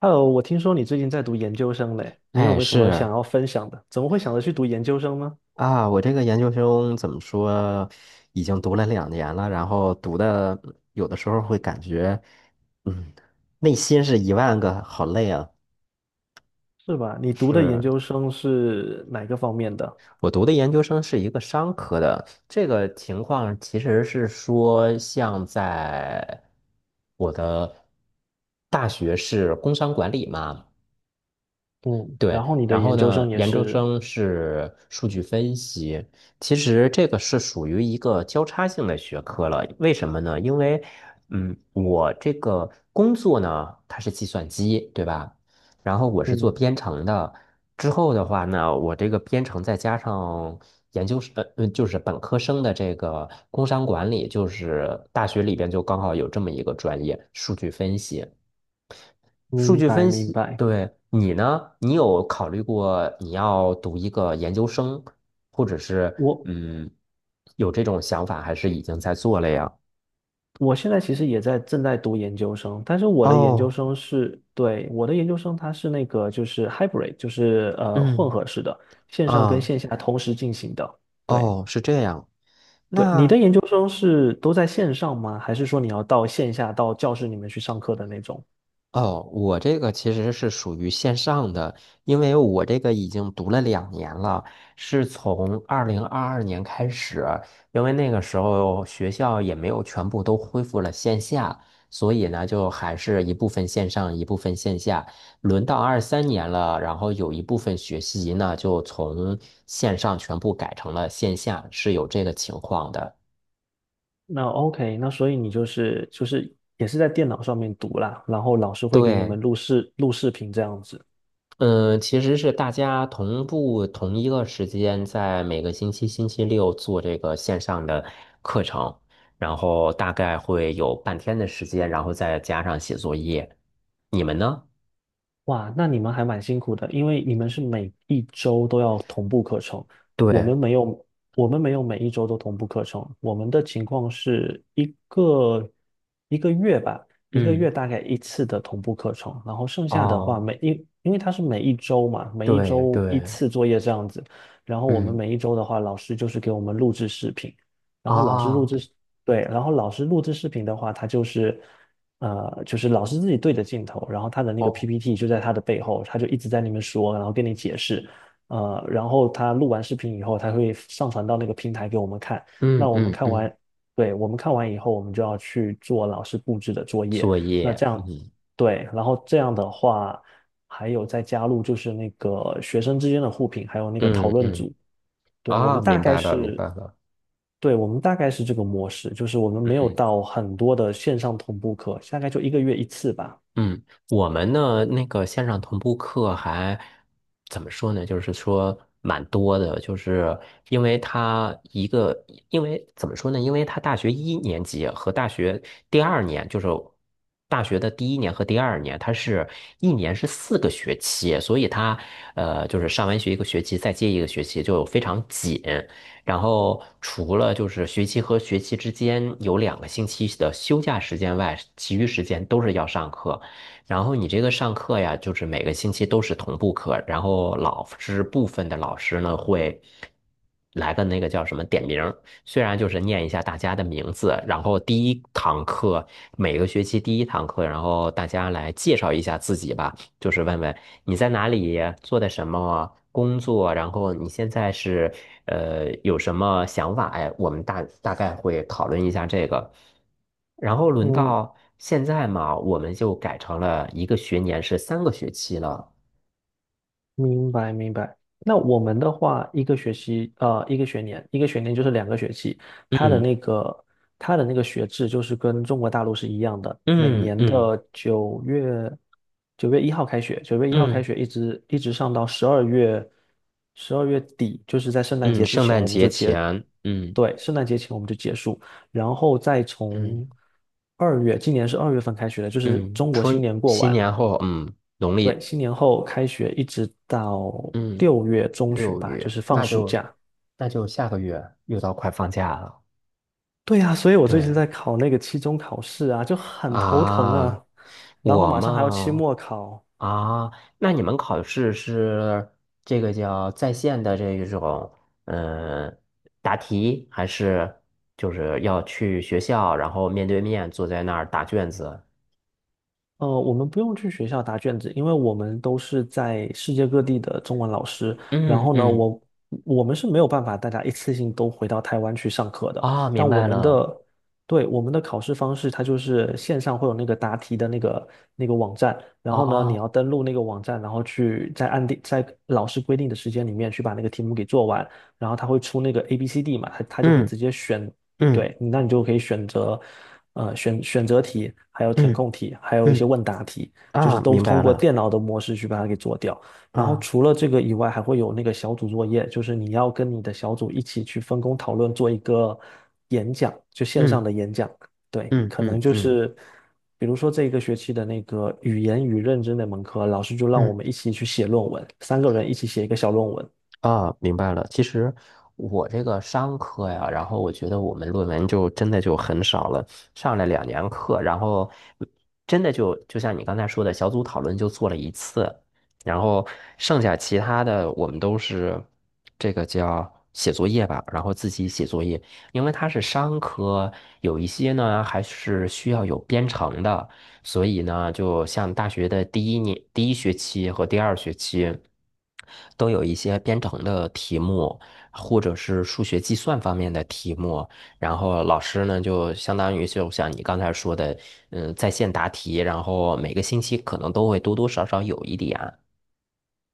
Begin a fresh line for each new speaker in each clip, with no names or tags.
Hello，我听说你最近在读研究生嘞，你有
哎，
没有什么
是
想要分享的？怎么会想着去读研究生呢？
啊，我这个研究生怎么说，已经读了两年了，然后读的有的时候会感觉，嗯，内心是一万个好累啊。
是吧？你读的研
是，
究生是哪个方面的？
我读的研究生是一个商科的，这个情况其实是说，像在我的大学是工商管理嘛。
嗯，
对，
然后你的
然后
研究
呢，
生也
研究
是，
生是数据分析，其实这个是属于一个交叉性的学科了。为什么呢？因为，嗯，我这个工作呢，它是计算机，对吧？然后我是做
嗯，
编程的，之后的话呢，我这个编程再加上研究生，就是本科生的这个工商管理，就是大学里边就刚好有这么一个专业，数据分析。数
明
据
白
分
明
析，
白。
对，你呢？你有考虑过你要读一个研究生，或者是
我
有这种想法，还是已经在做了呀？
我现在其实也在正在读研究生，但是我的研究
哦，
生是，对，我的研究生它是那个就是 hybrid，就是混
嗯，
合式的，线上跟
啊，
线下同时进行的。对，
哦，是这样。
对，你的
那
研究生是都在线上吗？还是说你要到线下到教室里面去上课的那种？
哦，我这个其实是属于线上的，因为我这个已经读了两年了，是从2022年开始，因为那个时候学校也没有全部都恢复了线下，所以呢，就还是一部分线上，一部分线下。轮到23年了，然后有一部分学习呢，就从线上全部改成了线下，是有这个情况的。
那 OK，那所以你就是也是在电脑上面读啦，然后老师会给你
对，
们录视频这样子。
嗯，其实是大家同步同一个时间，在每个星期星期六做这个线上的课程，然后大概会有半天的时间，然后再加上写作业。你们呢？
哇，那你们还蛮辛苦的，因为你们是每一周都要同步课程，我
对，
们没有，我们没有每一周都同步课程，我们的情况是一个月吧，一个
嗯，
月大概一次的同步课程，然后剩下的话
哦，
每一，因为它是每一周嘛，每一
对
周一
对，
次作业这样子，然后我们
嗯，
每一周的话，老师就是给我们录制视频，然后老师录
啊，
制，对，然后老师录制视频的话，他就是。就是老师自己对着镜头，然后他的那个
哦，
PPT 就在他的背后，他就一直在那边说，然后跟你解释，然后他录完视频以后，他会上传到那个平台给我们看。
嗯
那我们
嗯
看
嗯，
完，对，我们看完以后，我们就要去做老师布置的作业。
作
那
业，
这样，
嗯
对，然后这样的话，还有再加入就是那个学生之间的互评，还有那个讨
嗯
论
嗯，
组。对，我们
啊，
大
明
概
白了，明白
是，
了。
对，我们大概是这个模式，就是我们没有
嗯。
到很多的线上同步课，大概就一个月一次吧。
嗯，我们呢那个线上同步课还怎么说呢？就是说蛮多的，就是因为他一个，因为怎么说呢？因为他大学一年级和大学第二年，就是大学的第一年和第二年，他是一年是4个学期，所以他就是上完学一个学期，再接一个学期就非常紧。然后除了就是学期和学期之间有2个星期的休假时间外，其余时间都是要上课。然后你这个上课呀，就是每个星期都是同步课，然后老师部分的老师呢会来个那个叫什么点名虽然就是念一下大家的名字，然后第一堂课每个学期第一堂课，然后大家来介绍一下自己吧。就是问问你在哪里做的什么工作，然后你现在是有什么想法？哎，我们大概会讨论一下这个。然后轮
嗯，
到现在嘛，我们就改成了一个学年是3个学期了。
明白明白。那我们的话，一个学年，就是两个学期，它的
嗯
那个它的那个学制就是跟中国大陆是一样的，每
嗯
年
嗯
的九月一号开
嗯
学一直上到12月底，就是在圣诞
嗯，
节之
圣
前
诞
我们
节
就结，
前，嗯
对，圣诞节前我们就结束，然后再从
嗯
二月，今年是2月份开学的，就是
嗯，
中国新
春
年过
新
完。
年后，嗯，农
对，
历
新年后开学一直到
嗯
6月中旬
六
吧，就
月，
是放
那
暑
就
假。
那就下个月又到快放假了。
对呀，所以我最近
对，
在考那个期中考试啊，就很头疼
啊，
啊。然后
我
马上还要期
嘛，
末考，
啊，那你们考试是这个叫在线的这一种，嗯，答题还是就是要去学校，然后面对面坐在那儿答卷子？
我们不用去学校答卷子，因为我们都是在世界各地的中文老师。然
嗯
后呢，
嗯，
我们是没有办法大家一次性都回到台湾去上课的。
啊，明
但我
白
们
了，
的，对，我们的考试方式，它就是线上会有那个答题的那个网站，然后呢，你
哦，
要登录那个网站，然后去在按定在老师规定的时间里面去把那个题目给做完，然后他会出那个 A、B、C、D 嘛，他就会
嗯
直接选
嗯
对，那你就可以选择，选择题，还有填
嗯
空题，还有一
嗯，
些
嗯
问答题，就是
啊，
都
明
通
白
过
了，
电脑的模式去把它给做掉。然后
啊，
除了这个以外，还会有那个小组作业，就是你要跟你的小组一起去分工讨论，做一个演讲，就线上
嗯
的演讲。对，
嗯
可
嗯
能就
嗯
是，比如说这一个学期的那个语言与认知那门课，老师就让我
嗯
们一起去写论文，三个人一起写一个小论文。
啊，明白了。其实我这个商科呀，然后我觉得我们论文就真的就很少了，上了两年课，然后真的就就像你刚才说的，小组讨论就做了一次，然后剩下其他的我们都是这个叫写作业吧，然后自己写作业，因为它是商科，有一些呢还是需要有编程的。所以呢，就像大学的第一年、第一学期和第二学期，都有一些编程的题目，或者是数学计算方面的题目。然后老师呢，就相当于就像你刚才说的，嗯，在线答题，然后每个星期可能都会多多少少有一点。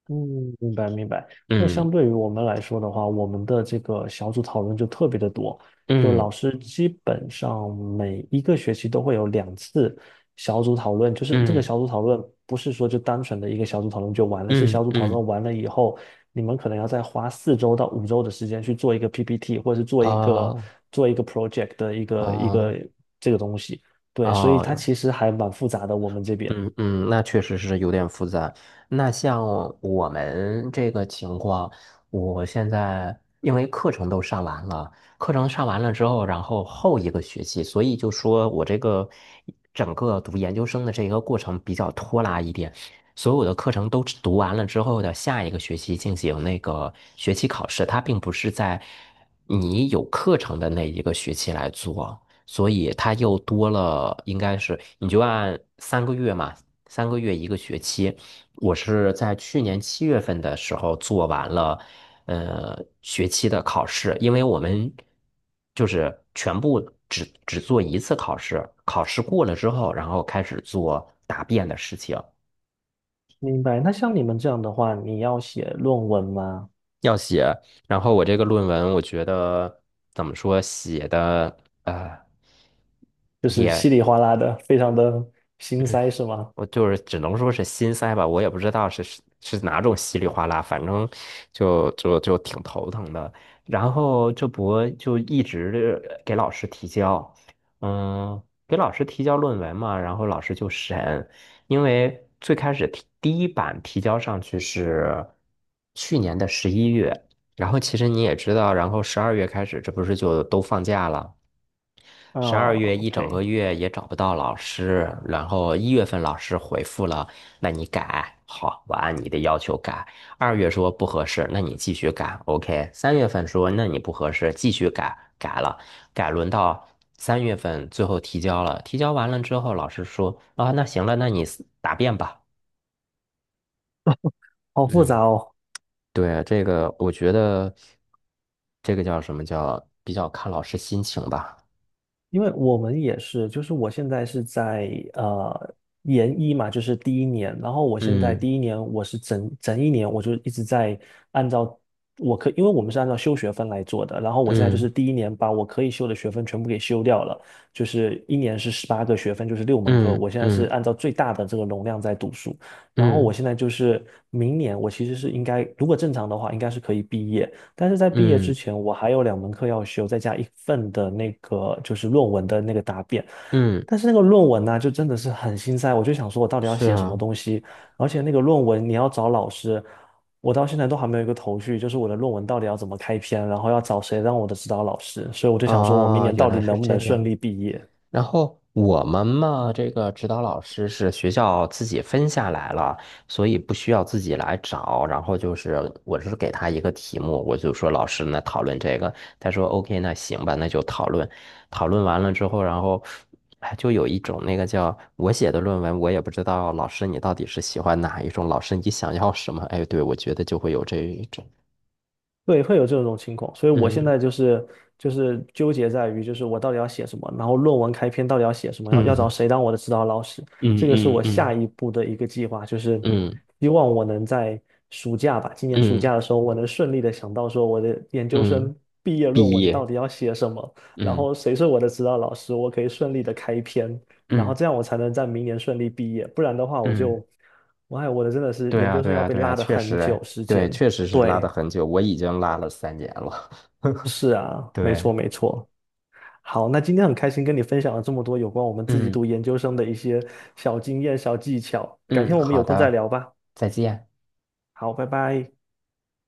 嗯，明白明白。那
嗯
相对于我们来说的话，我们的这个小组讨论就特别的多，就
嗯
老师基本上每一个学期都会有两次小组讨论，就是这个
嗯
小组讨论不是说就单纯的一个小组讨论就完了，是
嗯
小组讨
嗯，
论完了以后，你们可能要再花4周到5周的时间去做一个 PPT，或者是
哦
做一个 project 的一
哦
个这个东西。对，所以
哦，
它
啊
其实还蛮复杂的，我们这边。
嗯嗯，那确实是有点复杂。那像我们这个情况，我现在因为课程都上完了，课程上完了之后，然后后一个学期，所以就说我这个整个读研究生的这个过程比较拖拉一点。所有的课程都读完了之后的下一个学期进行那个学期考试，它并不是在你有课程的那一个学期来做。所以它又多了，应该是你就按三个月嘛，三个月一个学期。我是在去年7月份的时候做完了，学期的考试，因为我们就是全部只做一次考试，考试过了之后，然后开始做答辩的事情，
明白。那像你们这样的话，你要写论文吗？
要写。然后我这个论文，我觉得怎么说，写的呃。
就是稀
也。
里哗啦的，非常的心塞是吗？
我就是只能说是心塞吧，我也不知道是哪种稀里哗啦，反正就挺头疼的。然后这不就一直给老师提交，嗯，给老师提交论文嘛，然后老师就审，因为最开始提第一版提交上去是去年的11月，然后其实你也知道，然后十二月开始，这不是就都放假了。
啊
十二月一整个
，OK，
月也找不到老师，然后1月份老师回复了，那你改，好，我按你的要求改。二月说不合适，那你继续改，OK。三月份说那你不合适，继续改，改了，改轮到三月份最后提交了，提交完了之后，老师说啊，那行了，那你答辩吧。
好复杂
嗯，
哦。
对，这个我觉得这个叫什么叫比较看老师心情吧。
因为我们也是，就是我现在是在研一嘛，就是第一年，然后我现在
嗯
第一年我是整整一年，我就一直在按照我可，因为我们是按照修学分来做的，然后我现在就
嗯
是第一年把我可以修的学分全部给修掉了，就是一年是18个学分，就是六门课，
嗯
我现在是
嗯
按照最大的这个容量在读书，然后我
嗯。
现在就是明年我其实是应该，如果正常的话，应该是可以毕业。但是在毕业之
嗯
前，我还有两门课要修，再加一份的那个就是论文的那个答辩。
嗯，
但是那个论文呢，就真的是很心塞，我就想说我到底要
是
写什么
啊，
东西，而且那个论文你要找老师，我到现在都还没有一个头绪，就是我的论文到底要怎么开篇，然后要找谁当我的指导老师，所以我就想说我明
啊，
年
原
到底
来是
能不
这
能顺
样。
利毕业。
然后我们嘛，这个指导老师是学校自己分下来了，所以不需要自己来找。然后就是，我是给他一个题目，我就说老师那讨论这个，他说 OK,那行吧，那就讨论。讨论完了之后，然后哎，就有一种那个叫我写的论文，我也不知道老师你到底是喜欢哪一种，老师你想要什么？哎，对，我觉得就会有这一种，
对，会有这种情况，所以我现
嗯。
在就是纠结在于，就是我到底要写什么，然后论文开篇到底要写什么，要找
嗯
谁当我的指导老师，
嗯
这个是
嗯
我
嗯。
下一步的一个计划，就是
嗯
希望我能在暑假吧，今年暑
嗯
假的时候，我能顺利的想到说我的研究
嗯，
生毕业论
毕
文到
业，
底要写什么，然
嗯
后谁是我的指导老师，我可以顺利的开篇，然后
嗯
这样我才能在明年顺利毕业，不然的话我
嗯，
就，我哎，我的真的是
对
研
啊
究生
对
要
啊
被
对啊，
拉的
确
很
实
久
哎，
时间。
对，确实是拉的
对，
很久，我已经拉了三年了。
是啊，没
对，
错没错。好，那今天很开心跟你分享了这么多有关我们自己
嗯
读研究生的一些小经验、小技巧，改
嗯，
天我们
好
有空再
的，
聊吧。
再见。
好，拜拜。